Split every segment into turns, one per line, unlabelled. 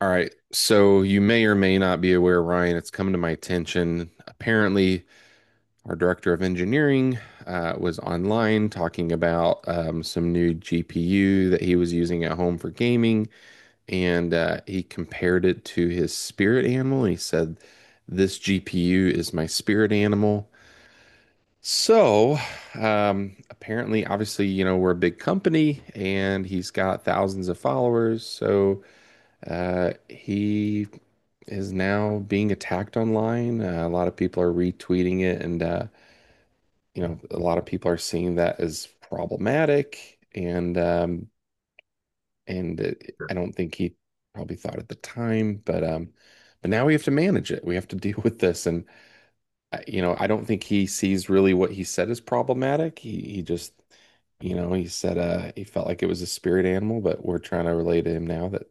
All right. So you may or may not be aware, Ryan, it's come to my attention. Apparently, our director of engineering was online talking about some new GPU that he was using at home for gaming, and he compared it to his spirit animal. He said, this GPU is my spirit animal. So, Apparently, obviously, you know, we're a big company and he's got thousands of followers. So, he is now being attacked online. A lot of people are retweeting it, and you know, a lot of people are seeing that as problematic. I don't think he probably thought at the time, but now we have to manage it. We have to deal with this, and you know, I don't think he sees really what he said as problematic. He just. You know, he said he felt like it was a spirit animal, but we're trying to relay to him now that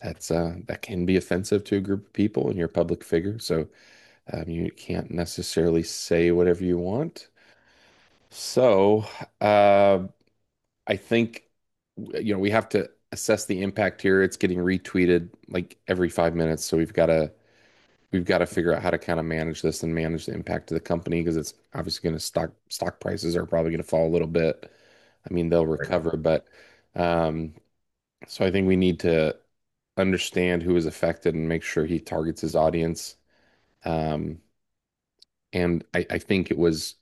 That can be offensive to a group of people, and you're a public figure, so you can't necessarily say whatever you want. So uh, I think you know we have to assess the impact here. It's getting retweeted like every 5 minutes, so we've got to figure out how to kind of manage this and manage the impact to the company because it's obviously going to stock prices are probably going to fall a little bit. I mean, they'll
Right.
recover, but um, so I think we need to understand who is affected and make sure he targets his audience. Um, I think it was,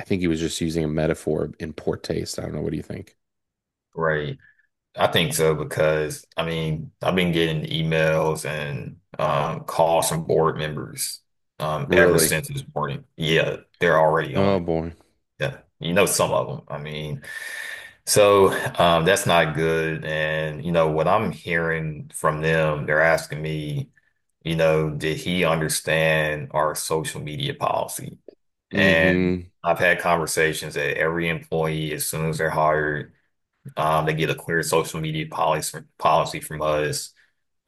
I think he was just using a metaphor in poor taste. I don't know. What do you think?
Right. I think so because I mean, I've been getting emails and calls from board members ever
Really?
since this morning. Yeah, they're already on
Oh
it.
boy.
Yeah. You know, some of them. I mean, so that's not good. And, you know, what I'm hearing from them, they're asking me, you know, did he understand our social media policy? And
Hmm.
I've had conversations that every employee, as soon as they're hired, they get a clear social media policy from us.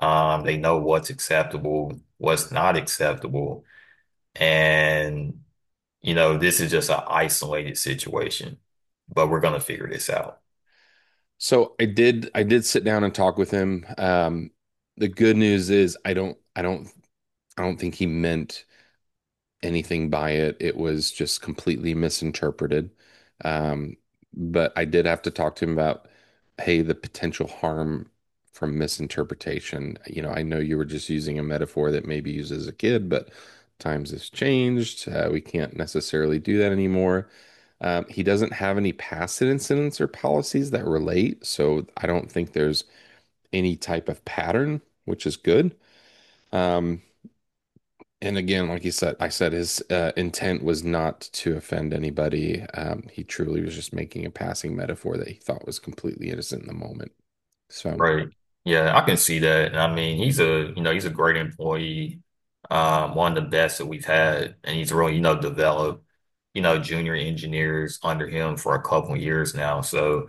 They know what's acceptable, what's not acceptable, and you know this is just an isolated situation, but we're gonna figure this out.
I did sit down and talk with him. The good news is I don't think he meant anything by it. It was just completely misinterpreted. Um, but I did have to talk to him about, hey, the potential harm from misinterpretation. You know, I know you were just using a metaphor that maybe used as a kid, but times has changed. We can't necessarily do that anymore. He doesn't have any past incidents or policies that relate, so I don't think there's any type of pattern, which is good. Um, and again, like I said his intent was not to offend anybody. He truly was just making a passing metaphor that he thought was completely innocent in the moment. So,
Right. Yeah, I can see that. And I mean, he's a, you know, he's a great employee, one of the best that we've had. And he's really, you know, developed, you know, junior engineers under him for a couple of years now. So,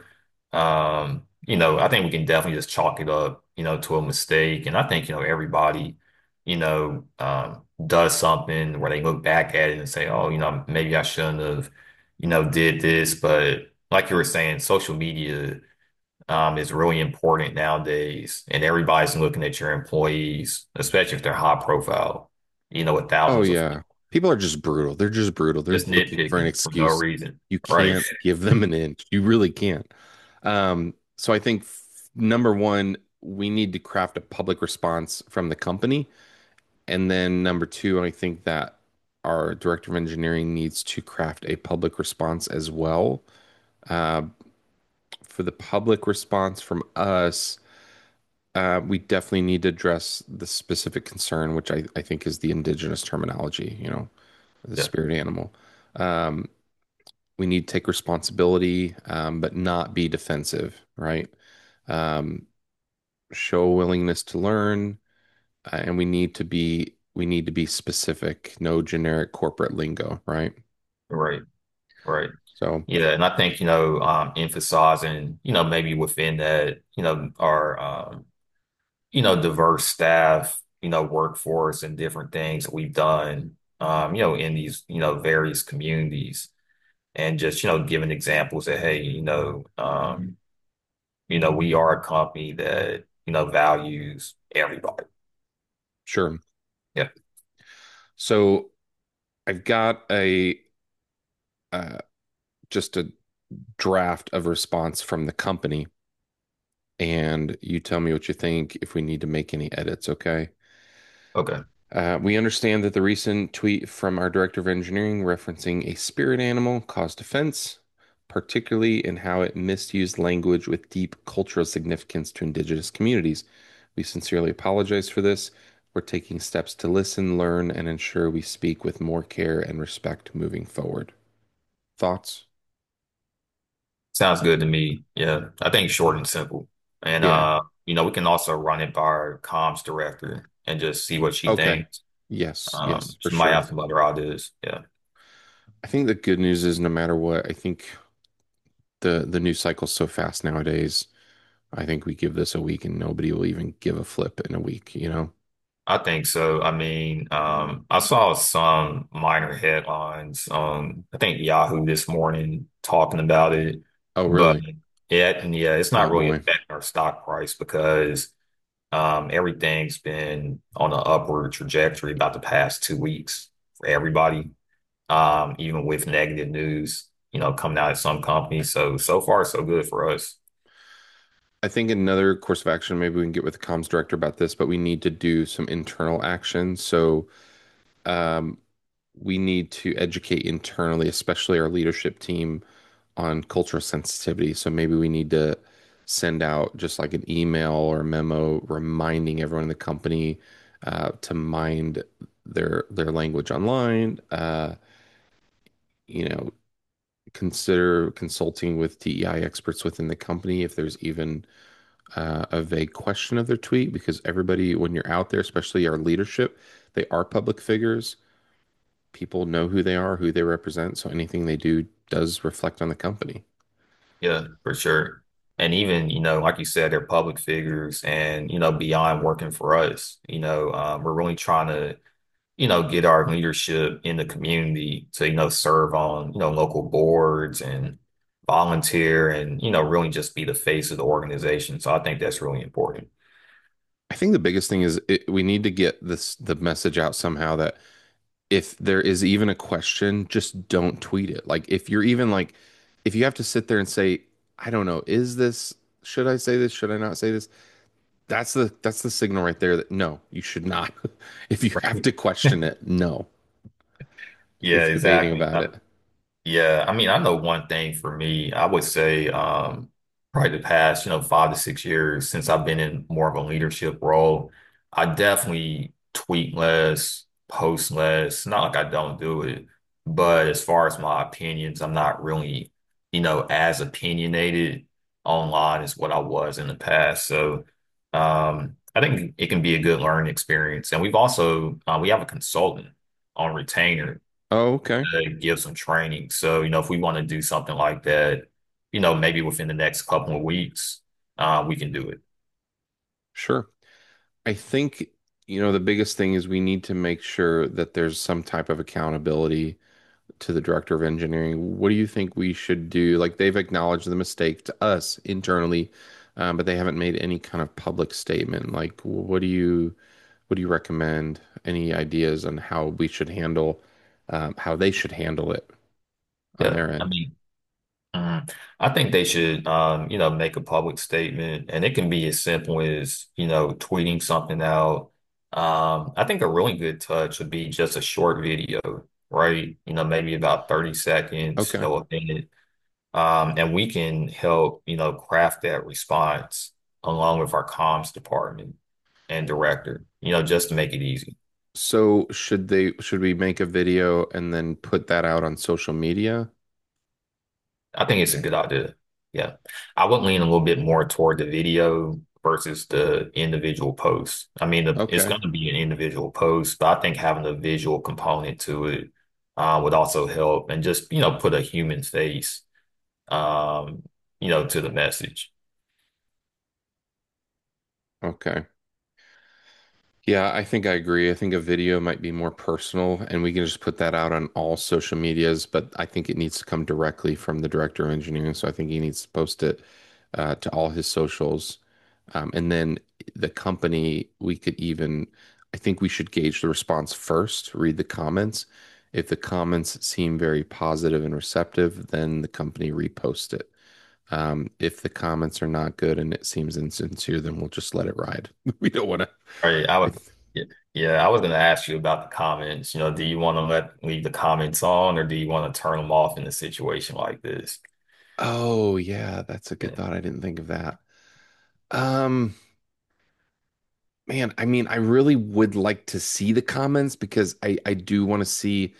you know, I think we can definitely just chalk it up, you know, to a mistake. And I think, you know, everybody, you know, does something where they look back at it and say, oh, you know, maybe I shouldn't have, you know, did this. But like you were saying, social media is really important nowadays, and everybody's looking at your employees, especially if they're high profile, you know, with
oh
thousands of
yeah, people are just brutal. They're just brutal. They're
just
looking for an
nitpicking for no
excuse.
reason.
You
Right.
can't give them an inch. You really can't. Um, so I think f- Number one, we need to craft a public response from the company, and then number two, I think that our director of engineering needs to craft a public response as well. Uh, for the public response from us, we definitely need to address the specific concern, which I think is the indigenous terminology, you know, the
Yeah.
spirit animal. Um, we need to take responsibility, but not be defensive, right? Um, Show a willingness to learn, and we need to be specific, no generic corporate lingo, right?
Right. Right.
So
Yeah. And I think, you know, emphasizing, you know, maybe within that, you know, our, you know, diverse staff, you know, workforce and different things we've done, you know, in these, you know, various communities and just, you know, giving examples that, hey, you know, we are a company that, you know, values everybody.
sure.
Yeah.
So I've got a uh, just a draft of response from the company and you tell me what you think if we need to make any edits, okay?
Okay.
We understand that the recent tweet from our director of engineering referencing a spirit animal caused offense, particularly in how it misused language with deep cultural significance to indigenous communities. We sincerely apologize for this. We're taking steps to listen, learn, and ensure we speak with more care and respect moving forward. Thoughts?
Sounds good to me. Yeah. I think short and simple. And
Yeah.
you know, we can also run it by our comms director and just see what she
Okay.
thinks.
Yes. Yes, for
She might have
sure.
some other ideas. Yeah.
I think the good news is no matter what, I think the news cycle's so fast nowadays. I think we give this a week and nobody will even give a flip in a week, you know?
I think so. I mean, I saw some minor headlines on, I think Yahoo this morning talking about it,
Oh,
but
really?
yeah, yeah, it's
Oh
not really
boy.
affecting our stock price because everything's been on an upward trajectory about the past 2 weeks for everybody, even with negative news, you know, coming out of some companies. So, so far, so good for us.
I think another course of action, maybe we can get with the comms director about this, but we need to do some internal action. So um, we need to educate internally, especially our leadership team, on cultural sensitivity. So maybe we need to send out just like an email or memo reminding everyone in the company to mind their language online. You know, consider consulting with DEI experts within the company if there's even a vague question of their tweet, because everybody, when you're out there, especially our leadership, they are public figures. People know who they are, who they represent, so anything they do does reflect on the company.
Yeah, for sure. And even, you know, like you said, they're public figures and, you know, beyond working for us, you know, we're really trying to you know, get our leadership in the community to, you know, serve on, you know, local boards and volunteer and, you know, really just be the face of the organization. So I think that's really important.
I think the biggest thing is we need to get this the message out somehow that if there is even a question, just don't tweet it. Like if you're even like if you have to sit there and say, I don't know, is this should I say this? Should I not say this? That's the signal right there that no, you should not. If you have
Right.
to question it, no. If you're
Yeah,
debating
exactly.
about it.
Yeah, I mean, I know one thing for me, I would say probably the past, you know, 5 to 6 years since I've been in more of a leadership role, I definitely tweet less, post less. Not like I don't do it, but as far as my opinions, I'm not really, you know, as opinionated online as what I was in the past. So I think it can be a good learning experience. And we've also we have a consultant on retainer
Oh, okay.
to give some training. So, you know, if we want to do something like that, you know, maybe within the next couple of weeks, we can do it.
Sure. I think, you know, the biggest thing is we need to make sure that there's some type of accountability to the director of engineering. What do you think we should do? Like they've acknowledged the mistake to us internally, but they haven't made any kind of public statement. Like, what do you recommend? Any ideas on how we should handle, how they should handle it on
Yeah.
their
I
end?
mean, mm, I think they should, you know, make a public statement and it can be as simple as, you know, tweeting something out. I think a really good touch would be just a short video, right? You know, maybe about 30 seconds, you
Okay.
know, a minute. And we can help, you know, craft that response along with our comms department and director, you know, just to make it easy.
So should we make a video and then put that out on social media?
I think it's a good idea. Yeah. I would lean a little bit more toward the video versus the individual post. I mean, the, it's going
Okay.
to be an individual post, but I think having a visual component to it would also help and just, you know, put a human face, um, you know, to the message.
Okay. Yeah, I think I agree. I think a video might be more personal, and we can just put that out on all social medias, but I think it needs to come directly from the director of engineering. So I think he needs to post it to all his socials. And then the company, I think we should gauge the response first, read the comments. If the comments seem very positive and receptive, then the company repost it. If the comments are not good and it seems insincere, then we'll just let it ride. We don't want to.
Right, I would, yeah, yeah, I was going to ask you about the comments. You know, do you want to let leave the comments on, or do you want to turn them off in a situation like this?
Oh yeah, that's a good
Yeah,
thought. I didn't think of that. Um, man, I mean, I really would like to see the comments because I do want to see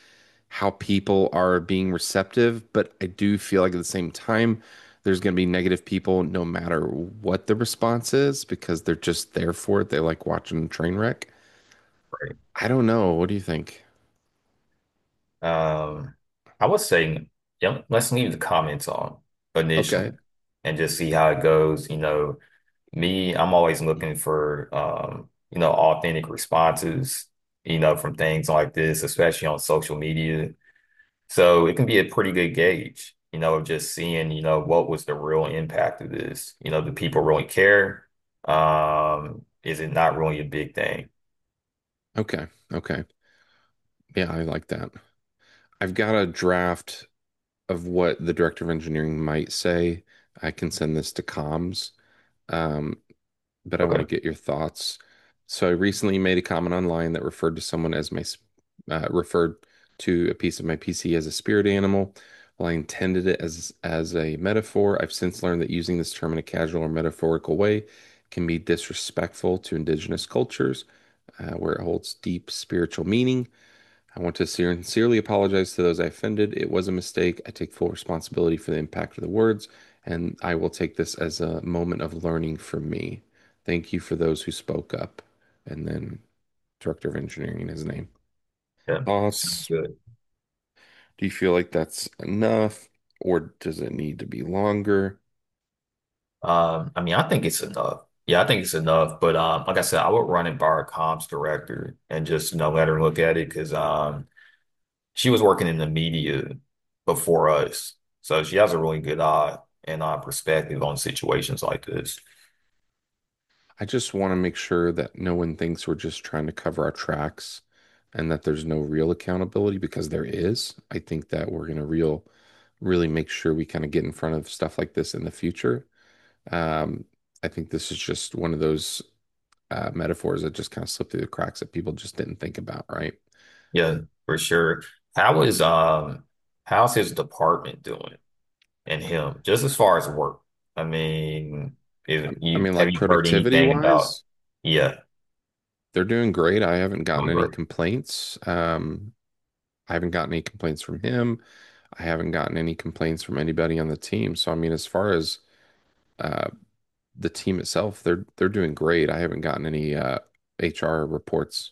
how people are being receptive, but I do feel like at the same time there's going to be negative people no matter what the response is because they're just there for it. They like watching a train wreck.
right.
I don't know. What do you think?
Um, I would say, yeah, let's leave the comments on
Okay.
initially, and just see how it goes. You know, me, I'm always looking for, you know, authentic responses. You know, from things like this, especially on social media. So it can be a pretty good gauge, you know, of just seeing, you know, what was the real impact of this? You know, do people really care? Is it not really a big thing?
Okay. Okay. Yeah, I like that. I've got a draft of what the director of engineering might say. I can send this to comms, um, but I want to
Okay.
get your thoughts. So I recently made a comment online that referred to a piece of my PC as a spirit animal. While I intended it as a metaphor, I've since learned that using this term in a casual or metaphorical way can be disrespectful to indigenous cultures, where it holds deep spiritual meaning. I want to sincerely apologize to those I offended. It was a mistake. I take full responsibility for the impact of the words, and I will take this as a moment of learning for me. Thank you for those who spoke up. And then Director of Engineering in his name.
Yeah. Sounds
Thoughts?
good.
Do you feel like that's enough, or does it need to be longer?
I mean, I think it's enough. Yeah, I think it's enough. But like I said, I would run it by our comms director and just, you know, let her look at it because she was working in the media before us. So she has a really good eye and perspective on situations like this.
I just want to make sure that no one thinks we're just trying to cover our tracks and that there's no real accountability because there is. I think that we're going to really make sure we kind of get in front of stuff like this in the future. Um, I think this is just one of those metaphors that just kind of slipped through the cracks that people just didn't think about, right?
Yeah, for sure. How is how's his department doing and him, just as far as work? I mean, is
I
you
mean,
have
like
you heard
productivity
anything about
wise,
yeah,
they're doing great. I haven't gotten
doing
any
great.
complaints. I haven't gotten any complaints from him. I haven't gotten any complaints from anybody on the team. So I mean, as far as uh, the team itself, they're doing great. I haven't gotten any HR reports.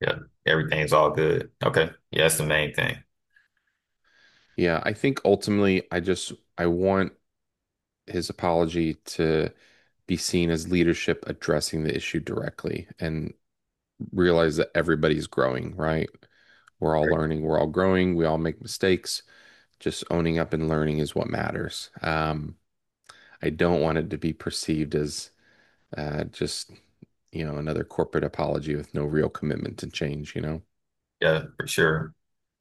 Yeah. Everything's all good. Okay. Yeah, that's the main thing.
Yeah, I think ultimately, I want his apology to be seen as leadership addressing the issue directly and realize that everybody's growing, right? We're all
Right.
learning, we're all growing, we all make mistakes. Just owning up and learning is what matters. I don't want it to be perceived as Uh, just, you know, another corporate apology with no real commitment to change, you know?
Yeah, for sure.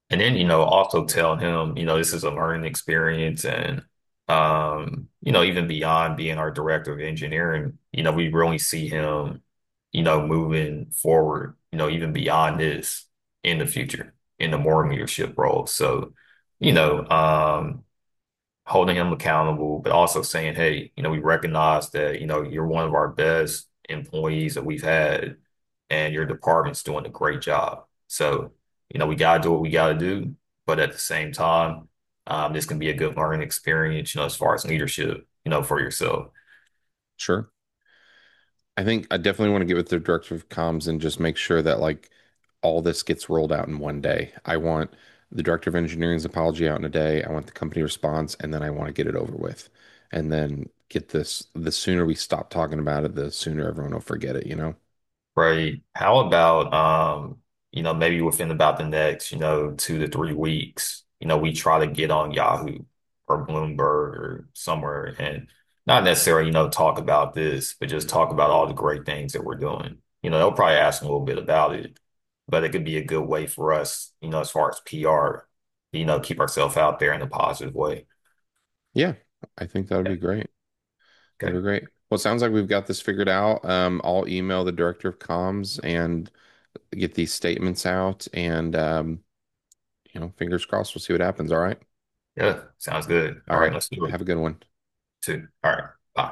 And then, you know, also tell him, you know, this is a learning experience and you know, even beyond being our director of engineering, you know, we really see him, you know, moving forward, you know, even beyond this in the future in the more leadership role. So, you know, holding him accountable, but also saying, hey, you know, we recognize that, you know, you're one of our best employees that we've had and your department's doing a great job. So, you know, we got to do what we got to do, but at the same time, this can be a good learning experience, you know, as far as leadership, you know, for yourself.
Sure. I think I definitely want to get with the director of comms and just make sure that like all this gets rolled out in 1 day. I want the director of engineering's apology out in a day. I want the company response, and then I want to get it over with. And then the sooner we stop talking about it, the sooner everyone will forget it, you know?
Right. How about you know, maybe within about the next, you know, 2 to 3 weeks, you know, we try to get on Yahoo or Bloomberg or somewhere and not necessarily, you know, talk about this, but just talk about all the great things that we're doing. You know, they'll probably ask a little bit about it, but it could be a good way for us, you know, as far as PR, you know, keep ourselves out there in a positive way.
Yeah, I think that would
Yeah.
be great. That'd
Okay.
be great. Well, it sounds like we've got this figured out. I'll email the director of comms and get these statements out and you know, fingers crossed, we'll see what happens. All right.
Yeah. Sounds good.
All
All right,
right.
let's do it
Have a good one.
too. All right. Bye.